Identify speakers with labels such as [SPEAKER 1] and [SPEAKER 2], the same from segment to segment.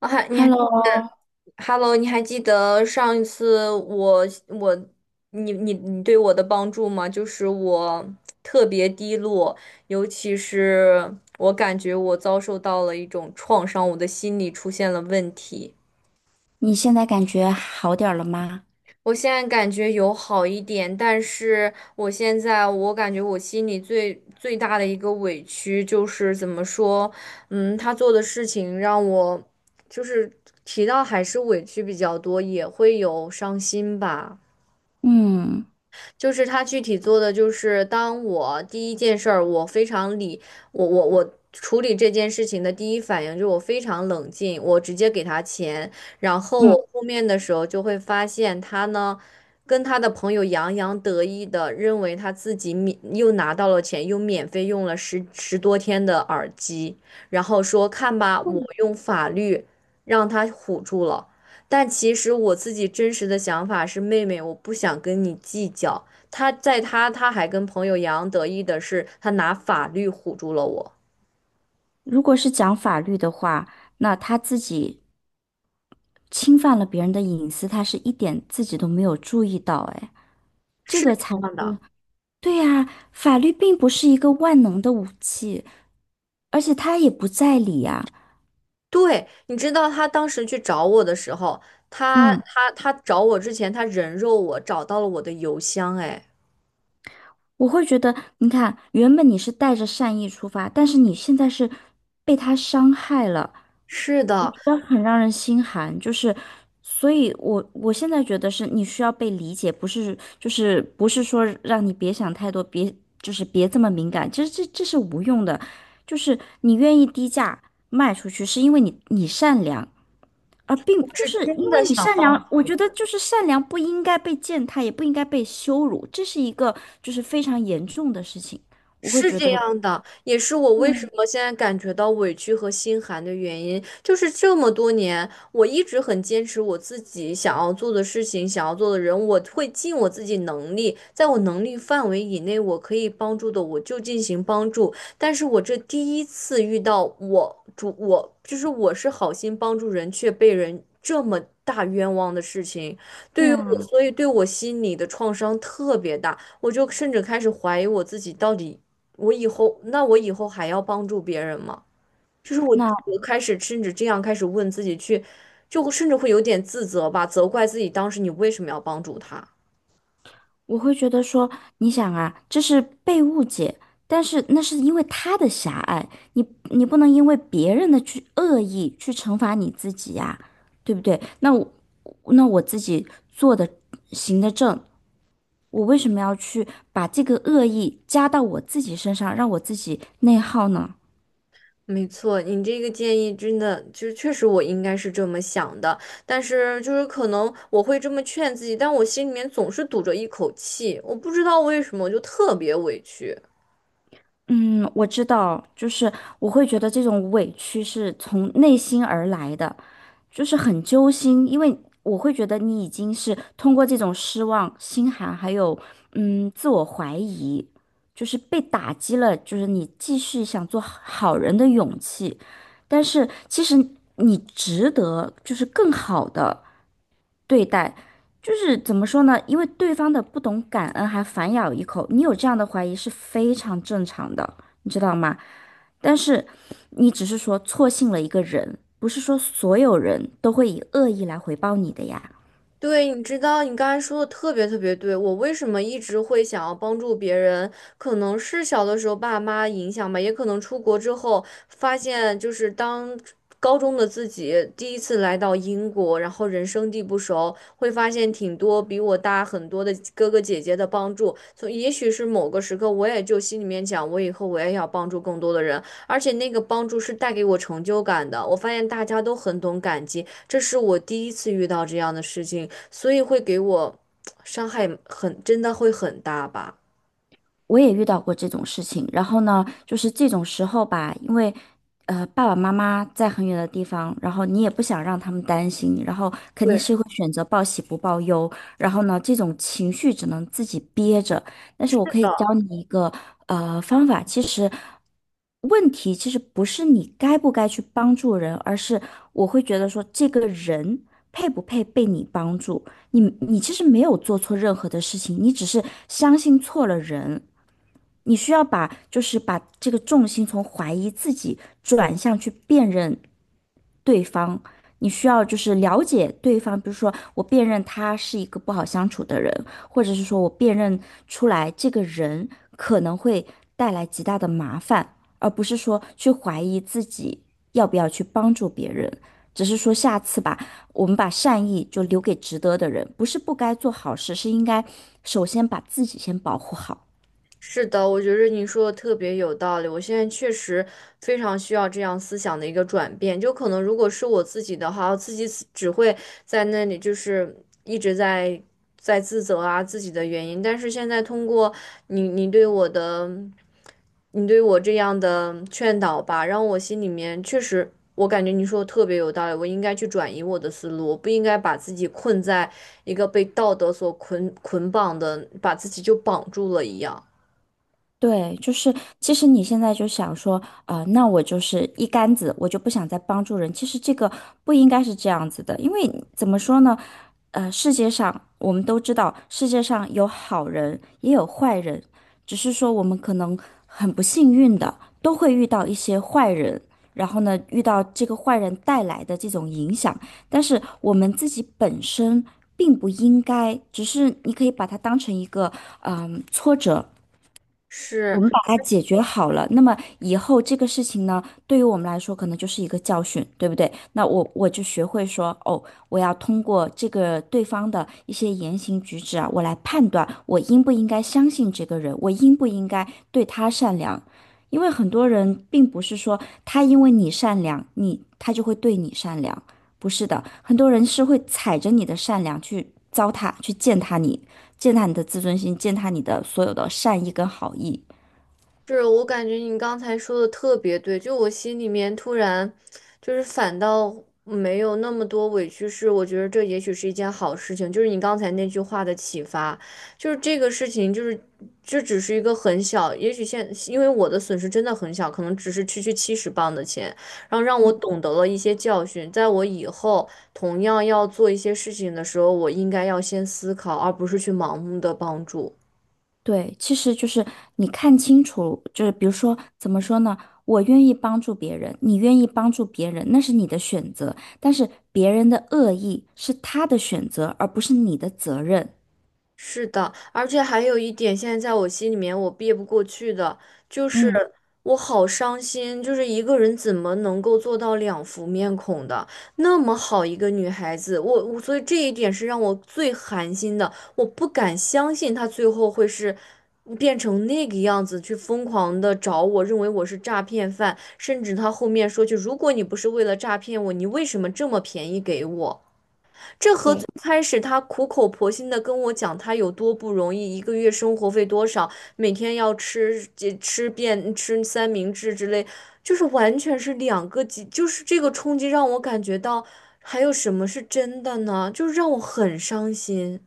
[SPEAKER 1] 啊，还
[SPEAKER 2] Hello，
[SPEAKER 1] ，Hello，你还记得上一次我你对我的帮助吗？就是我特别低落，尤其是我感觉我遭受到了一种创伤，我的心理出现了问题。
[SPEAKER 2] 你现在感觉好点儿了吗？
[SPEAKER 1] 我现在感觉有好一点，但是我现在感觉我心里最大的一个委屈就是怎么说，他做的事情让我就是提到还是委屈比较多，也会有伤心吧。
[SPEAKER 2] 嗯
[SPEAKER 1] 就是他具体做的就是，当我第一件事儿，我非常理，我处理这件事情的第一反应就是我非常冷静，我直接给他钱，然后
[SPEAKER 2] 嗯，
[SPEAKER 1] 我后面的时候就会发现他呢，跟他的朋友洋洋得意的认为他自己免又拿到了钱，又免费用了十多天的耳机，然后说看吧，我用法律让他唬住了。但其实我自己真实的想法是，妹妹，我不想跟你计较，他在他他还跟朋友洋洋得意的是，他拿法律唬住了我，
[SPEAKER 2] 如果是讲法律的话，那他自己侵犯了别人的隐私，他是一点自己都没有注意到，哎，这
[SPEAKER 1] 是
[SPEAKER 2] 个才
[SPEAKER 1] 这样
[SPEAKER 2] 是，
[SPEAKER 1] 的。
[SPEAKER 2] 对呀，法律并不是一个万能的武器，而且他也不在理呀。
[SPEAKER 1] 对，你知道他当时去找我的时候，他
[SPEAKER 2] 嗯。
[SPEAKER 1] 他他找我之前，他人肉我，找到了我的邮箱。哎，
[SPEAKER 2] 我会觉得，你看，原本你是带着善意出发，但是你现在是被他伤害了，
[SPEAKER 1] 是
[SPEAKER 2] 我
[SPEAKER 1] 的，
[SPEAKER 2] 觉得很让人心寒。就是，所以我现在觉得是你需要被理解，不是就是不是说让你别想太多，别就是别这么敏感，其实这是无用的。就是你愿意低价卖出去，是因为你善良，啊，并
[SPEAKER 1] 我
[SPEAKER 2] 就
[SPEAKER 1] 是
[SPEAKER 2] 是
[SPEAKER 1] 真
[SPEAKER 2] 因为
[SPEAKER 1] 的
[SPEAKER 2] 你
[SPEAKER 1] 想
[SPEAKER 2] 善良，我觉得就是善良不应该被践踏，也不应该被羞辱，这是一个就是非常严重的事情。我会
[SPEAKER 1] 是
[SPEAKER 2] 觉
[SPEAKER 1] 这
[SPEAKER 2] 得，
[SPEAKER 1] 样的，也是我为什么现在感觉到委屈和心寒的原因，就是这么多年，我一直很坚持我自己想要做的事情，想要做的人，我会尽我自己能力，在我能力范围以内，我可以帮助的，我就进行帮助。但是我这第一次遇到我是好心帮助人，却被人这么大冤枉的事情，
[SPEAKER 2] 对
[SPEAKER 1] 对于我，
[SPEAKER 2] 啊，
[SPEAKER 1] 所以对我心里的创伤特别大。我就甚至开始怀疑我自己到底我以后，那我以后还要帮助别人吗？就是我，
[SPEAKER 2] 那
[SPEAKER 1] 我开始甚至这样开始问自己去，就甚至会有点自责吧，责怪自己当时你为什么要帮助他。
[SPEAKER 2] 我会觉得说，你想啊，这是被误解，但是那是因为他的狭隘，你你不能因为别人的去恶意去惩罚你自己呀、对不对？那我自己做的行得正，我为什么要去把这个恶意加到我自己身上，让我自己内耗呢？
[SPEAKER 1] 没错，你这个建议真的就是确实我应该是这么想的，但是就是可能我会这么劝自己，但我心里面总是堵着一口气，我不知道为什么，我就特别委屈。
[SPEAKER 2] 嗯，我知道，就是我会觉得这种委屈是从内心而来的，就是很揪心，因为我会觉得你已经是通过这种失望、心寒，还有嗯自我怀疑，就是被打击了，就是你继续想做好人的勇气，但是其实你值得就是更好的。对待，就是怎么说呢？因为对方的不懂感恩还反咬一口，你有这样的怀疑是非常正常的，你知道吗？但是你只是说错信了一个人，不是说所有人都会以恶意来回报你的呀。
[SPEAKER 1] 对，你知道你刚才说的特别特别对，我为什么一直会想要帮助别人，可能是小的时候爸妈影响吧，也可能出国之后发现，就是当高中的自己第一次来到英国，然后人生地不熟，会发现挺多比我大很多的哥哥姐姐的帮助，所以也许是某个时刻，我也就心里面讲，我以后我也要帮助更多的人，而且那个帮助是带给我成就感的，我发现大家都很懂感激，这是我第一次遇到这样的事情，所以会给我伤害很，真的会很大吧。
[SPEAKER 2] 我也遇到过这种事情，然后呢，就是这种时候吧，因为，爸爸妈妈在很远的地方，然后你也不想让他们担心，然后肯
[SPEAKER 1] 对
[SPEAKER 2] 定是
[SPEAKER 1] 的，
[SPEAKER 2] 会选择报喜不报忧，然后呢，这种情绪只能自己憋着。但是我可以教你一个方法，其实问题其实不是你该不该去帮助人，而是我会觉得说这个人配不配被你帮助。你其实没有做错任何的事情，你只是相信错了人。你需要把就是把这个重心从怀疑自己转向去辨认对方，你需要就是了解对方，比如说我辨认他是一个不好相处的人，或者是说我辨认出来这个人可能会带来极大的麻烦，而不是说去怀疑自己要不要去帮助别人。只是说下次吧，我们把善意就留给值得的人，不是不该做好事，是应该首先把自己先保护好。
[SPEAKER 1] 是的，我觉得你说的特别有道理。我现在确实非常需要这样思想的一个转变。就可能如果是我自己的话，我自己只会在那里就是一直在在自责啊自己的原因。但是现在通过你你对我的你对我这样的劝导吧，让我心里面确实，我感觉你说的特别有道理，我应该去转移我的思路，我不应该把自己困在一个被道德所捆绑的，把自己就绑住了一样。
[SPEAKER 2] 对，就是其实你现在就想说，啊、那我就是一竿子，我就不想再帮助人。其实这个不应该是这样子的，因为怎么说呢，世界上我们都知道，世界上有好人也有坏人，只是说我们可能很不幸运的都会遇到一些坏人，然后呢，遇到这个坏人带来的这种影响，但是我们自己本身并不应该，只是你可以把它当成一个。
[SPEAKER 1] 是，
[SPEAKER 2] 我们把它解决好了，那么以后这个事情呢，对于我们来说可能就是一个教训，对不对？那我就学会说，哦，我要通过这个对方的一些言行举止啊，我来判断我应不应该相信这个人，我应不应该对他善良。因为很多人并不是说他因为你善良，你他就会对你善良，不是的，很多人是会踩着你的善良去糟蹋，去践踏你，践踏你的自尊心，践踏你的所有的善意跟好意。
[SPEAKER 1] 是我感觉你刚才说的特别对，就我心里面突然，就是反倒没有那么多委屈，是我觉得这也许是一件好事情，就是你刚才那句话的启发，就是这个事情，就是这只是一个很小，也许现因为我的损失真的很小，可能只是区区70磅的钱，然后让我懂得了一些教训，在我以后同样要做一些事情的时候，我应该要先思考，而不是去盲目的帮助。
[SPEAKER 2] 对，其实就是你看清楚，就是比如说，怎么说呢？我愿意帮助别人，你愿意帮助别人，那是你的选择，但是别人的恶意是他的选择，而不是你的责任。
[SPEAKER 1] 是的，而且还有一点，现在在我心里面我憋不过去的，就是
[SPEAKER 2] 嗯，
[SPEAKER 1] 我好伤心，就是一个人怎么能够做到两副面孔的？那么好一个女孩子，我所以这一点是让我最寒心的，我不敢相信她最后会是变成那个样子，去疯狂的找我，认为我是诈骗犯，甚至她后面说句，如果你不是为了诈骗我，你为什么这么便宜给我？
[SPEAKER 2] 对。
[SPEAKER 1] 开始他苦口婆心的跟我讲他有多不容易，一个月生活费多少，每天要吃这吃遍吃三明治之类，就是完全是两个极，就是这个冲击让我感觉到还有什么是真的呢？就是让我很伤心。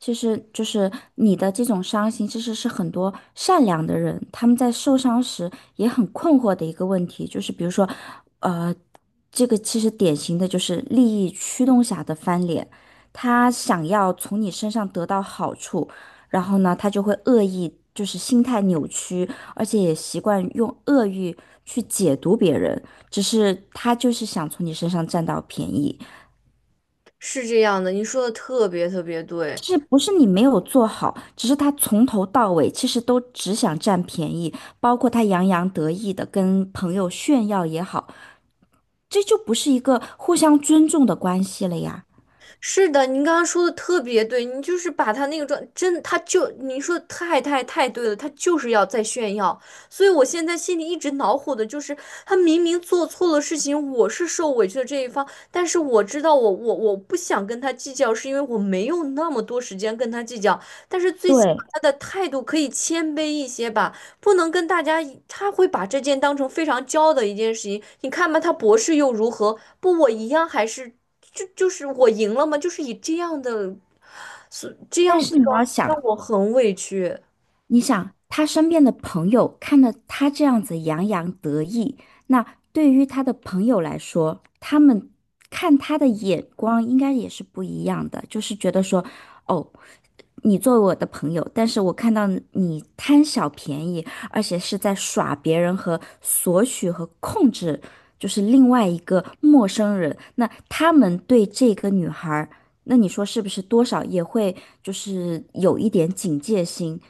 [SPEAKER 2] 其实就是你的这种伤心，其实是很多善良的人他们在受伤时也很困惑的一个问题，就是比如说，呃，这个其实典型的就是利益驱动下的翻脸，他想要从你身上得到好处，然后呢，他就会恶意，就是心态扭曲，而且也习惯用恶意去解读别人，只是他就是想从你身上占到便宜。
[SPEAKER 1] 是这样的，你说的特别特别对。
[SPEAKER 2] 就是不是你没有做好，只是他从头到尾其实都只想占便宜，包括他洋洋得意的跟朋友炫耀也好，这就不是一个互相尊重的关系了呀。
[SPEAKER 1] 是的，您刚刚说的特别对，你就是把他那个状，真的他就您说的太对了，他就是要在炫耀，所以我现在心里一直恼火的就是，他明明做错了事情，我是受委屈的这一方，但是我知道我不想跟他计较，是因为我没有那么多时间跟他计较，但是最起码
[SPEAKER 2] 对，
[SPEAKER 1] 他的态度可以谦卑一些吧。不能跟大家一他会把这件当成非常骄傲的一件事情。你看吧，他博士又如何？不，我一样还是，就是我赢了吗？就是以这样的，所这
[SPEAKER 2] 但
[SPEAKER 1] 样的
[SPEAKER 2] 是你
[SPEAKER 1] 状
[SPEAKER 2] 要
[SPEAKER 1] 态
[SPEAKER 2] 想，
[SPEAKER 1] 让我很委屈。
[SPEAKER 2] 你想他身边的朋友看到他这样子洋洋得意，那对于他的朋友来说，他们看他的眼光应该也是不一样的，就是觉得说，哦，你作为我的朋友，但是我看到你贪小便宜，而且是在耍别人和索取和控制，就是另外一个陌生人。那他们对这个女孩儿那你说是不是多少也会就是有一点警戒心，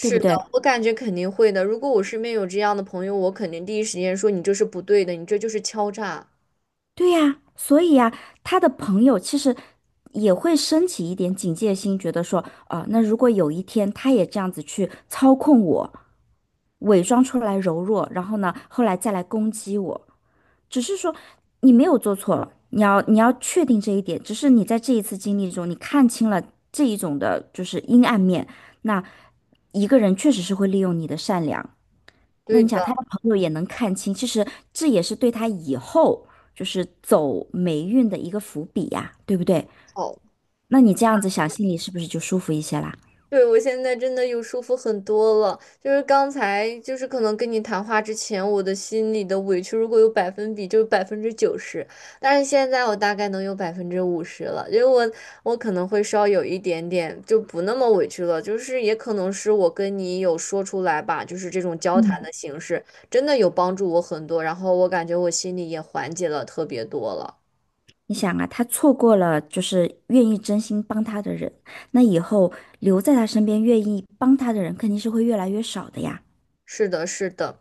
[SPEAKER 2] 对不
[SPEAKER 1] 的，
[SPEAKER 2] 对？
[SPEAKER 1] 我感觉肯定会的。如果我身边有这样的朋友，我肯定第一时间说你这是不对的，你这就是敲诈。
[SPEAKER 2] 对呀，所以呀，他的朋友其实也会升起一点警戒心，觉得说，啊、那如果有一天他也这样子去操控我。伪装出来柔弱，然后呢，后来再来攻击我。只是说你没有做错了，你要确定这一点。只是你在这一次经历中，你看清了这一种的就是阴暗面。那一个人确实是会利用你的善良。那
[SPEAKER 1] 对
[SPEAKER 2] 你想，他
[SPEAKER 1] 的，
[SPEAKER 2] 的朋友也能看清，其实这也是对他以后就是走霉运的一个伏笔呀，对不对？
[SPEAKER 1] 好。
[SPEAKER 2] 那你这样子想，心里是不是就舒服一些啦？
[SPEAKER 1] 对，我现在真的有舒服很多了。就是刚才，就是可能跟你谈话之前，我的心里的委屈如果有百分比，就是90%。但是现在我大概能有50%了，因为我可能会稍有一点点就不那么委屈了，就是也可能是我跟你有说出来吧，就是这种交谈
[SPEAKER 2] 嗯，
[SPEAKER 1] 的形式真的有帮助我很多，然后我感觉我心里也缓解了特别多了。
[SPEAKER 2] 你想啊，他错过了就是愿意真心帮他的人，那以后留在他身边愿意帮他的人肯定是会越来越少的呀。
[SPEAKER 1] 是的，是的。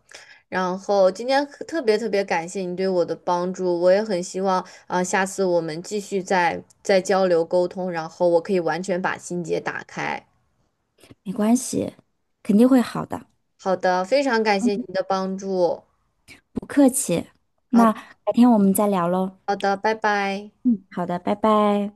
[SPEAKER 1] 然后今天可特别特别感谢你对我的帮助，我也很希望啊，下次我们继续再交流沟通，然后我可以完全把心结打开。
[SPEAKER 2] 没关系，肯定会好的，
[SPEAKER 1] 好的，非常感谢你的帮助。
[SPEAKER 2] 不客气。
[SPEAKER 1] 好
[SPEAKER 2] 那
[SPEAKER 1] 的
[SPEAKER 2] 改天我们再聊喽。
[SPEAKER 1] 好的，拜拜。
[SPEAKER 2] 嗯，好的，拜拜。